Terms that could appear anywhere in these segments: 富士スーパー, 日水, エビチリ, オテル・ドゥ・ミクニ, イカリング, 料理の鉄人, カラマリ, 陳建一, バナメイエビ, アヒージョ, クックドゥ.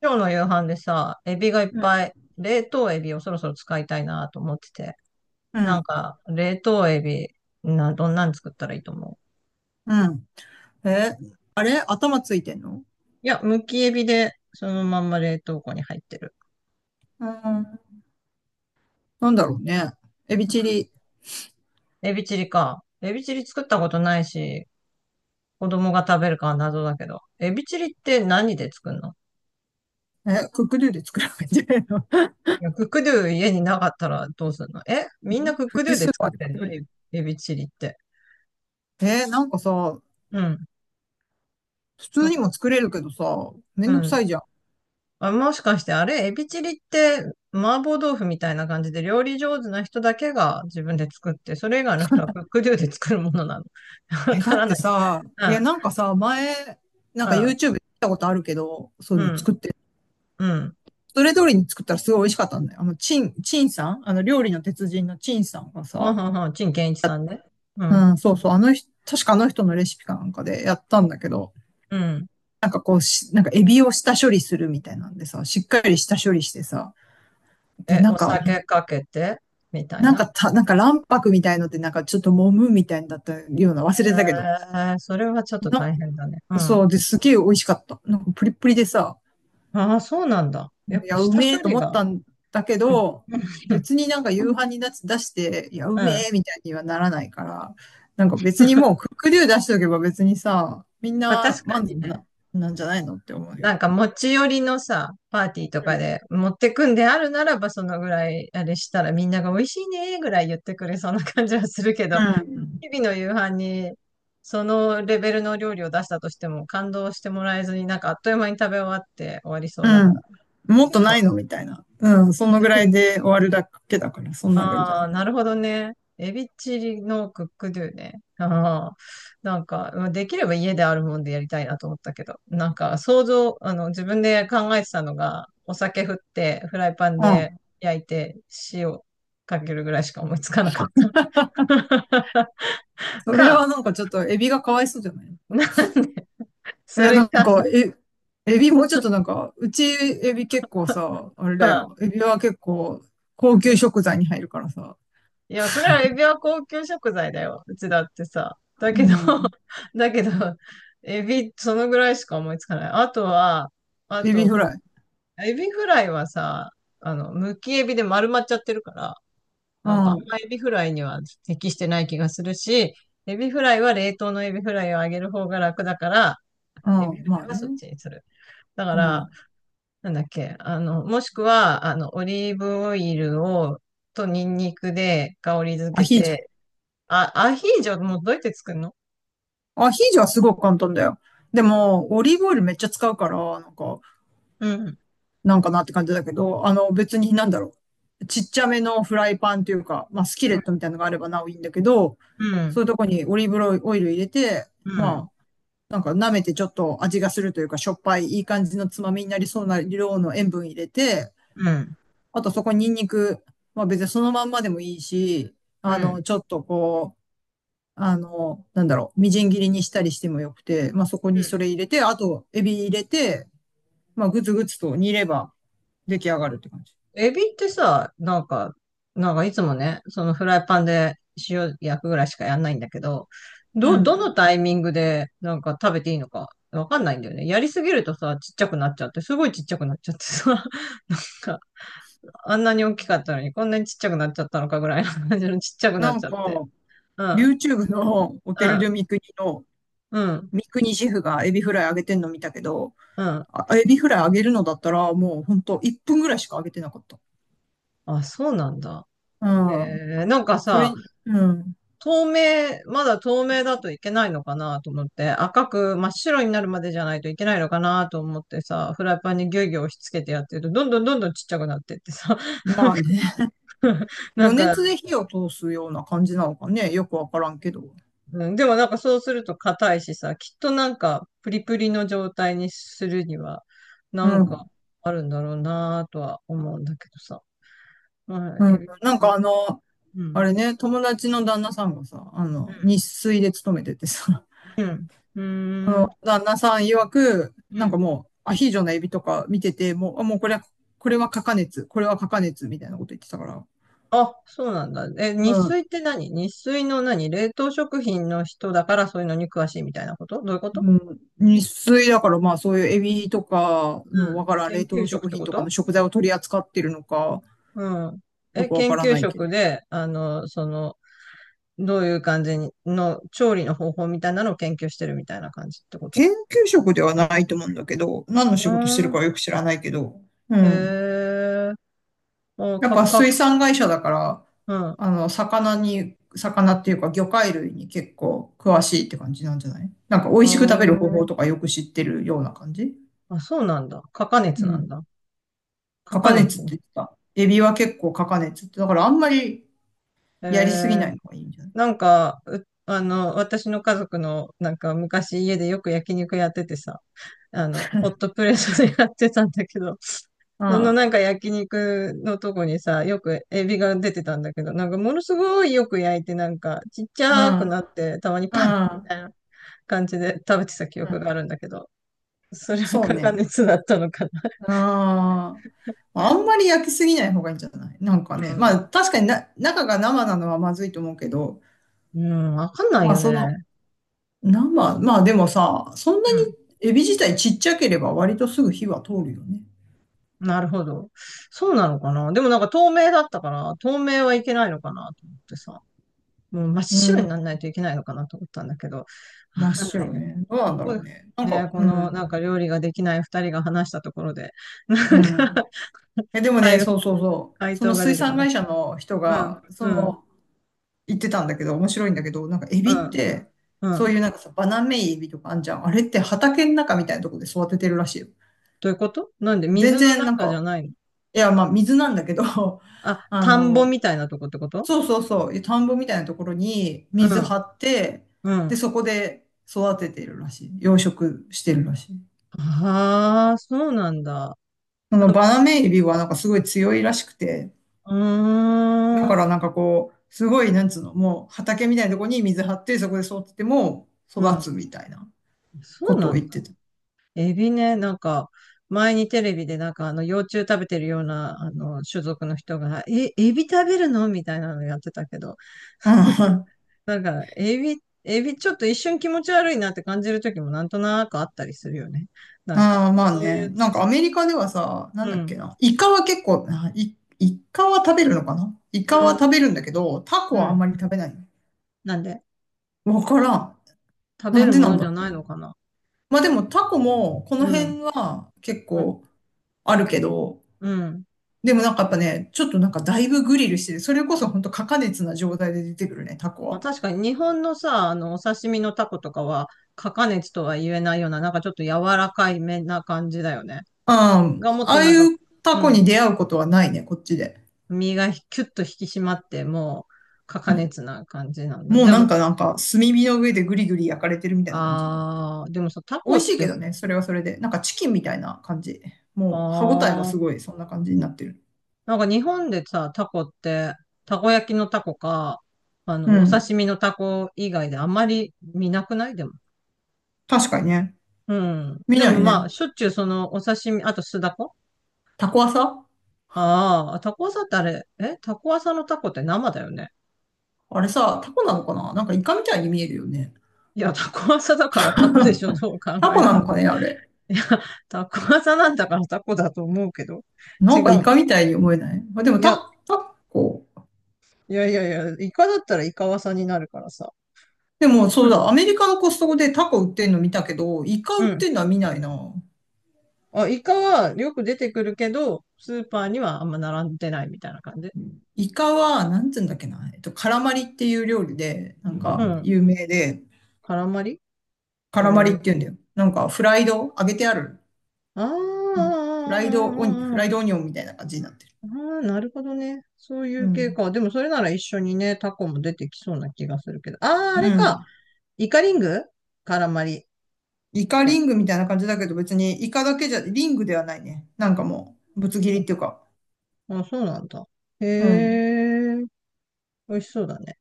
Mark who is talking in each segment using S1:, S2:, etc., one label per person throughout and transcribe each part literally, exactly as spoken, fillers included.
S1: 今日の夕飯でさ、エビがいっ
S2: うん、
S1: ぱい、冷凍エビをそろそろ使いたいなと思ってて。
S2: う
S1: なん
S2: ん、
S1: か、冷凍エビ、な、どんなん作ったらいいと思う？
S2: うん。え、あれ頭ついてんの？
S1: いや、むきエビで、そのまんま冷凍庫に入ってる。
S2: うん。なんだろうね。エビチリ。
S1: エビチリか。エビチリ作ったことないし、子供が食べるかは謎だけど。エビチリって何で作るの？
S2: え、クックドゥで作らないんじゃないの？
S1: いや、クックドゥ家になかったらどうするの？え、みんな クッ
S2: 富
S1: クド
S2: 士
S1: ゥ
S2: ス
S1: で
S2: ーパ
S1: 作
S2: ー
S1: っ
S2: で
S1: て
S2: 買っ
S1: ん
S2: て
S1: の？
S2: くる。
S1: エエビチリって。
S2: えーなんかさ、
S1: うん。
S2: 普通にも作れるけどさ、め
S1: う
S2: んどく
S1: ん。
S2: さいじゃん。
S1: あ、もしかしてあれ、エビチリって麻婆豆腐みたいな感じで料理上手な人だけが自分で作って、それ以外の人はクックドゥで作るものなの。わ
S2: え、
S1: か
S2: だっ
S1: らな
S2: て
S1: い。
S2: さ、
S1: う
S2: い
S1: ん、
S2: や、なんかさ、前、なん
S1: う
S2: か
S1: ん、
S2: YouTube で見たことあるけど、そうい
S1: う
S2: うの
S1: ん、
S2: 作って、
S1: うん。
S2: それ通りに作ったらすごい美味しかったんだよ。あの、チン、チンさんあの、料理の鉄人のチンさんが
S1: はん
S2: さ、
S1: はんはん、陳建一さんね。う
S2: う
S1: ん、
S2: ん、そうそう、あの人、確かあの人のレシピかなんかでやったんだけど、
S1: うん。
S2: なんかこうし、なんかエビを下処理するみたいなんでさ、しっかり下処理してさ、で、
S1: え、
S2: な
S1: お
S2: んか、
S1: 酒かけてみたい
S2: なん
S1: な。
S2: かた、なんか卵白みたいので、なんかちょっと揉むみたいだったような、忘れたけど。
S1: えー、それはちょっと
S2: な、
S1: 大変だね。うん。
S2: そう、で、すげえ美味しかった。なんかプリップリでさ、
S1: ああ、そうなんだ。やっ
S2: い
S1: ぱ
S2: や、う
S1: 下
S2: めえ
S1: 処
S2: と
S1: 理
S2: 思っ
S1: が。
S2: たんだけ
S1: うん、
S2: ど、
S1: うん、
S2: 別になんか夕飯に出し出して、いや、う
S1: う
S2: め
S1: ん。
S2: えみたいにはならないから、なんか別にもうクックデュー出しておけば別にさ、みん
S1: まあ
S2: な
S1: 確か
S2: 満
S1: に
S2: 足
S1: ね。
S2: な、なんじゃないのって思うよ。
S1: なんか持ち寄りのさ、パーティーとかで持ってくんであるならば、そのぐらいあれしたらみんなが美味しいねーぐらい言ってくれそうな感じはするけ
S2: う
S1: ど、
S2: ん。
S1: 日々の夕飯にそのレベルの料理を出したとしても感動してもらえずになんかあっという間に食べ終わって終わりそ
S2: う
S1: うだから。
S2: ん。
S1: っ
S2: もっ
S1: ていう
S2: と
S1: の
S2: な
S1: は、
S2: いのみたいな。うん。そのぐらいで終わるだけだから、そんなのがいいんじゃ
S1: あ
S2: ない？
S1: あ、なるほどね。エビチリのクックドゥね。ああ、なんか、まあできれば家であるもんでやりたいなと思ったけど、なんか想像、あの、自分で考えてたのが、お酒振って、フライパン
S2: う
S1: で
S2: ん。
S1: 焼いて、塩かけるぐらいしか思いつかなかった。
S2: それは
S1: か、
S2: なんかちょっとエビがかわいそうじゃない？い
S1: なんで、そ
S2: や、な
S1: れ
S2: ん
S1: か、
S2: か、え、エビもうちょっとなんか、うちエビ結構さ、あれ
S1: は
S2: だ
S1: あ、
S2: よ。エビは結構高級食材に入るからさ。
S1: いや、それはエビは高級食材だよ。うちだってさ。だ
S2: う
S1: けど、
S2: ん。
S1: だけど、エビ、そのぐらいしか思いつかない。あとは、あ
S2: エビ
S1: と、
S2: フライ。
S1: エビフライはさ、あの、むきエビで丸まっちゃってるから、
S2: う
S1: なんか
S2: ん。
S1: あん
S2: う
S1: まエビフライには適してない気がするし、エビフライは冷凍のエビフライをあげる方が楽だから、エビ
S2: ん。
S1: フラ
S2: まあ
S1: イはそっ
S2: ね。
S1: ちにする。だか
S2: う
S1: ら、
S2: ん。
S1: なんだっけ、あの、もしくは、あの、オリーブオイルを、とニンニクで香り
S2: ア
S1: 付け
S2: ヒージョ。
S1: て、あ、アヒージョもどうやって作るの？
S2: アヒージョはすごく簡単だよ。でも、オリーブオイルめっちゃ使うから、なんか、
S1: うん。
S2: なんかなって感じだけど、あの別になんだろう。ちっちゃめのフライパンというか、まあスキレットみたいなのがあればなおいいんだけど、
S1: うん。
S2: そういうとこにオリーブオイル入れて、
S1: うん。
S2: まあなんか舐めてちょっと味がするというか、しょっぱいいい感じのつまみになりそうな量の塩分入れて、
S1: うん。
S2: あとそこにニンニク、まあ別にそのまんまでもいいし、
S1: う
S2: あ
S1: ん。
S2: の、ちょっとこう、あの、なんだろう、みじん切りにしたりしてもよくて、まあそこ
S1: う
S2: にそ
S1: ん。
S2: れ入れて、あとエビ入れて、まあグツグツと煮れば出来上がるって感じ。
S1: エビってさ、なんか、なんかいつもね、そのフライパンで塩焼くぐらいしかやんないんだけど、
S2: う
S1: ど、ど
S2: ん。
S1: のタイミングでなんか食べていいのかわかんないんだよね。やりすぎるとさ、ちっちゃくなっちゃって、すごいちっちゃくなっちゃってさ、なんか、あんなに大きかったのにこんなにちっちゃくなっちゃったのかぐらいの感じのちっちゃくな
S2: な
S1: っ
S2: ん
S1: ちゃっ
S2: か、
S1: て。うん、
S2: YouTube のオ
S1: う
S2: テル・
S1: ん、
S2: ドゥ・ミクニの、
S1: うん、
S2: ミクニシェフがエビフライ揚げてんの見たけど、
S1: うん。
S2: あ、エビフライ揚げるのだったら、もうほんといっぷんぐらいしか揚げてなかった。
S1: あ、そうなんだ。
S2: うん。
S1: えー、なんか
S2: それ、
S1: さ、
S2: うん。
S1: 透明、まだ透明だといけないのかなと思って、赤く真っ白になるまでじゃないといけないのかなと思ってさ、フライパンにギュウギュウ押し付けてやってると、どんどんどんどんちっちゃくなってってさ、
S2: まあね。
S1: なん
S2: 余
S1: か、
S2: 熱で火を通すような感じなのかね。よくわからんけど。
S1: うん、でもなんかそうすると硬いしさ、きっとなんかプリプリの状態にするには、
S2: う
S1: なん
S2: ん。
S1: かあるんだろうなとは思うんだけどさ。うん、
S2: うん。
S1: え、
S2: なん
S1: う
S2: か
S1: ん、
S2: あの、
S1: う
S2: あ
S1: ん、
S2: れね、友達の旦那さんがさ、あの、日水で勤めててさ、
S1: うん、う
S2: あ
S1: ん、う
S2: の、
S1: ん。
S2: 旦那さん曰く、なんかもう、アヒージョのエビとか見てて、もう、あ、もうこれは、これは過加熱、これは過加熱みたいなこと言ってたから。
S1: あ、そうなんだ。え、
S2: う
S1: 日
S2: ん。
S1: 水って何？日水の何？冷凍食品の人だからそういうのに詳しいみたいなこと？どういうこと？
S2: うん。日水だから、まあそういうエビとか
S1: う
S2: のわ
S1: ん。
S2: からん
S1: 研
S2: 冷
S1: 究
S2: 凍
S1: 職っ
S2: 食
S1: て
S2: 品
S1: こ
S2: とかの
S1: と？
S2: 食材を取り扱ってるのか、
S1: うん。
S2: よ
S1: え、
S2: くわ
S1: 研
S2: から
S1: 究
S2: ないけど。
S1: 職で、あの、その、どういう感じにの調理の方法みたいなのを研究してるみたいな感じってこと？
S2: 研究職ではないと思うんだけど、何の
S1: う
S2: 仕事して
S1: ー
S2: る
S1: ん。
S2: かはよく知らないけど、う
S1: へ
S2: ん。
S1: え。お、
S2: やっ
S1: か、
S2: ぱ水
S1: か、
S2: 産会社だから、
S1: うん。う
S2: あの、魚に、魚っていうか魚介類に結構詳しいって感じなんじゃない？なんか美味しく食べる方
S1: ー
S2: 法
S1: ん。
S2: とかよく知ってるような感じ。
S1: あ、そうなんだ。かか熱
S2: う
S1: なん
S2: ん。
S1: だ。か
S2: カ
S1: か
S2: カネツっ
S1: 熱。
S2: て言ってた。エビは結構カカネツって。だからあんまり
S1: へ
S2: やりすぎない
S1: え。
S2: のがいいんじゃない？
S1: なんか、うあの、私の家族の、なんか昔家でよく焼肉やっててさ、あの、ホットプレートでやってたんだけど、そのなんか焼肉のとこにさ、よくエビが出てたんだけど、なんかものすごいよく焼いて、なんかちっち
S2: うん。
S1: ゃ
S2: う
S1: く
S2: ん。
S1: なって、たまに
S2: う
S1: パンみたい
S2: ん。
S1: な感じで食べてた記
S2: う
S1: 憶が
S2: ん。
S1: あるんだけど、それは
S2: そう
S1: 加
S2: ね。
S1: 熱だったのかな。
S2: うん。まあんまり焼きすぎない方がいいんじゃない？なんか
S1: う
S2: ね。まあ
S1: ん。
S2: 確かにな、中が生なのはまずいと思うけど、
S1: うん、わかんない
S2: まあ
S1: よ
S2: その
S1: ね。
S2: 生、まあでもさ、そんなにエビ自体ちっちゃければ割とすぐ火は通るよね。
S1: なるほど。そうなのかな？でもなんか透明だったから、透明はいけないのかなと思ってさ。もう真っ
S2: う
S1: 白
S2: ん、
S1: にならないといけないのかなと思ったんだけど、わ
S2: 真っ
S1: かんない
S2: 白
S1: ね。
S2: ね。どうな
S1: こ
S2: んだろ
S1: こ
S2: うね。なんか、
S1: ね、こ
S2: う
S1: の
S2: ん、
S1: なんか料理ができない二人が話したところで、な
S2: う
S1: んか、
S2: ん。え、でもね、
S1: 回
S2: そうそうそう。
S1: 回
S2: そ
S1: 答
S2: の
S1: が出
S2: 水
S1: てこ
S2: 産
S1: ない。
S2: 会社の人
S1: うん、
S2: が、そ
S1: うん、
S2: の、言ってたんだけど、面白いんだけど、なんかエ
S1: う
S2: ビっ
S1: ん、
S2: て、
S1: う
S2: そう
S1: ん。
S2: いうなんかさ、バナメイエビとかあんじゃん。あれって畑の中みたいなとこで育ててるらしいよ。
S1: どういうこと？なんで
S2: 全
S1: 水の
S2: 然なん
S1: 中じゃ
S2: か、
S1: ないの？
S2: いや、まあ水なんだけど、
S1: あ、
S2: あ
S1: 田んぼ
S2: の、
S1: みたいなとこってこと？
S2: そうそうそう、田んぼみたいなところに
S1: う
S2: 水
S1: ん、
S2: 張って、
S1: う
S2: で、
S1: ん。
S2: そこで育ててるらしい。養殖してるらしい。
S1: ああ、そうなんだ。
S2: そのバナメイエビはなんかすごい強いらしくて、
S1: う
S2: だ
S1: ーん、
S2: からなんかこう、すごい、なんつうの、もう畑みたいなところに水張って、そこで育てても育
S1: うん。
S2: つみたいな
S1: そ
S2: こ
S1: う
S2: とを
S1: なん
S2: 言っ
S1: だ。
S2: てた。
S1: エビね、なんか、前にテレビでなんかあの幼虫食べてるようなあの種族の人が、え、エビ食べるのみたいなのやってたけど、
S2: うん。あ
S1: なんか、エビ、エビちょっと一瞬気持ち悪いなって感じる時もなんとなくあったりするよね。なんか、
S2: あ、まあ
S1: そうい
S2: ね。
S1: う
S2: なんか
S1: つ、
S2: アメリカではさ、なん
S1: う
S2: だっけ
S1: ん、
S2: な。イカは結構、あイ、イカは食べるのかな？イ
S1: う
S2: カは食
S1: ん、
S2: べるんだけど、タコ
S1: う
S2: はあん
S1: ん。
S2: まり食べない。
S1: なんで、
S2: わからん。
S1: 食べ
S2: なん
S1: る
S2: で
S1: も
S2: なん
S1: のじ
S2: だろ
S1: ゃ
S2: う？
S1: ないのかな。
S2: まあでもタコもこの
S1: うん、
S2: 辺は結
S1: うん、
S2: 構あるけど、
S1: うん。
S2: でもなんかやっぱね、ちょっとなんかだいぶグリルしてる。それこそ本当過加熱な状態で出てくるね、タコ
S1: まあ、
S2: は。
S1: 確かに日本のさ、あの、お刺身のタコとかは、過加熱とは言えないような、なんかちょっと柔らかいめな感じだよね。
S2: うん。
S1: がもっ
S2: あ
S1: と
S2: あ
S1: な
S2: い
S1: んか、
S2: うタ
S1: う
S2: コ
S1: ん、
S2: に出会うことはないね、こっちで。
S1: 身がキュッと引き締まって、もう、
S2: う
S1: 高
S2: ん。
S1: 熱な感じなんだ。
S2: もう
S1: で
S2: なん
S1: も、
S2: かなんか炭火の上でグリグリ焼かれてるみたいな感じの。
S1: あー、でもさ、タ
S2: 美
S1: コっ
S2: 味しいけ
S1: てさ、
S2: どね、それはそれで。なんかチキンみたいな感じ。
S1: あ
S2: もう歯ごたえも
S1: ー
S2: すごい、そんな感じになってる。
S1: なんか日本でさ、タコって、たこ焼きのタコか、あ
S2: う
S1: の、お
S2: ん。
S1: 刺身のタコ以外であんまり見なくない？でも。
S2: 確かにね。
S1: うん。
S2: 見
S1: で
S2: な
S1: も
S2: い
S1: まあ、
S2: ね。
S1: しょっちゅうそのお刺身、あと酢だこ、
S2: タコはさ、
S1: ああー、タコ朝ってあれ、えタコ朝のタコって生だよね。
S2: あれさ、タコなのかな？なんかイカみたいに見えるよね。
S1: いや、タコ朝だからタコでしょ、どう考
S2: タコ
S1: え
S2: な
S1: た
S2: の
S1: ら。
S2: かね、あれ。
S1: いや、タコ技なんだからタコだと思うけど。
S2: な
S1: 違う
S2: んかイカ
S1: の？
S2: みたいに思えない。あ、でも
S1: いや、
S2: タ、タコ。
S1: いやいやいや、イカだったらイカワサになるからさ。
S2: でも、そうだ、ア メリカのコストコでタコ売ってんの見たけど、イカ
S1: う
S2: 売っ
S1: ん。
S2: てんのは見ないな。
S1: あ、イカはよく出てくるけど、スーパーにはあんま並んでないみたいな感じ。
S2: イカは、なんつうんだっけな。えっと、カラマリっていう料理で、なん
S1: う
S2: か
S1: ん。
S2: 有名で、
S1: カラマリ？へ
S2: カラマリっ
S1: え。
S2: て言うんだよ。なんかフライド、揚げてある。
S1: あーあ
S2: うん。フライドオニ、フ
S1: ー、あー
S2: ライ
S1: あ
S2: ドオニオンみたいな感じになってる。
S1: ーあー、なるほどね。そうい
S2: う
S1: う系
S2: ん。
S1: か。でもそれなら一緒にね、タコも出てきそうな気がするけど。ああ、あれ
S2: う
S1: か。
S2: ん。
S1: イカリング？カラマリっ
S2: イカリ
S1: て。
S2: ングみたいな感じだけど、別にイカだけじゃ、リングではないね。なんかもう、ぶつ切りっていうか。
S1: あ、そうなんだ。へ
S2: うん。
S1: え。美味しそうだね。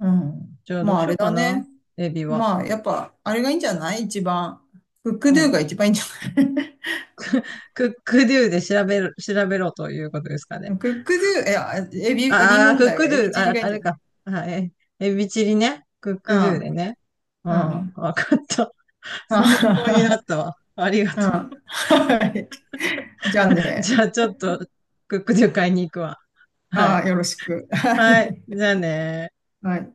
S2: うん。
S1: じゃあど
S2: ま
S1: う
S2: あ、あ
S1: しよ
S2: れ
S1: うか
S2: だ
S1: な。
S2: ね。
S1: エビは。
S2: まあ、やっぱ、あれがいいんじゃない？一番。クック
S1: う
S2: ドゥ
S1: ん。
S2: が一番いいんじゃない？
S1: クックドゥで調べる、調べろということですか ね。
S2: クックドゥ、いや、エビ、エビ
S1: ああ、
S2: 問
S1: クッ
S2: 題は
S1: クド
S2: エビ
S1: ゥ、
S2: チリ
S1: あ、
S2: がいい
S1: あ
S2: んじゃ
S1: れ
S2: ない？
S1: か。はい。エビチリね。クッ
S2: う
S1: クドゥで
S2: ん、
S1: ね。うん。
S2: うん、
S1: わかった。
S2: あ
S1: 参考になっ たわ。ありが
S2: うん。
S1: とう。
S2: はい。じゃあ
S1: じ
S2: ね。
S1: ゃあちょっと、クックドゥ買いに行くわ。はい。
S2: ああ、よろしく。は
S1: はい。
S2: い。
S1: じゃあね。
S2: はい。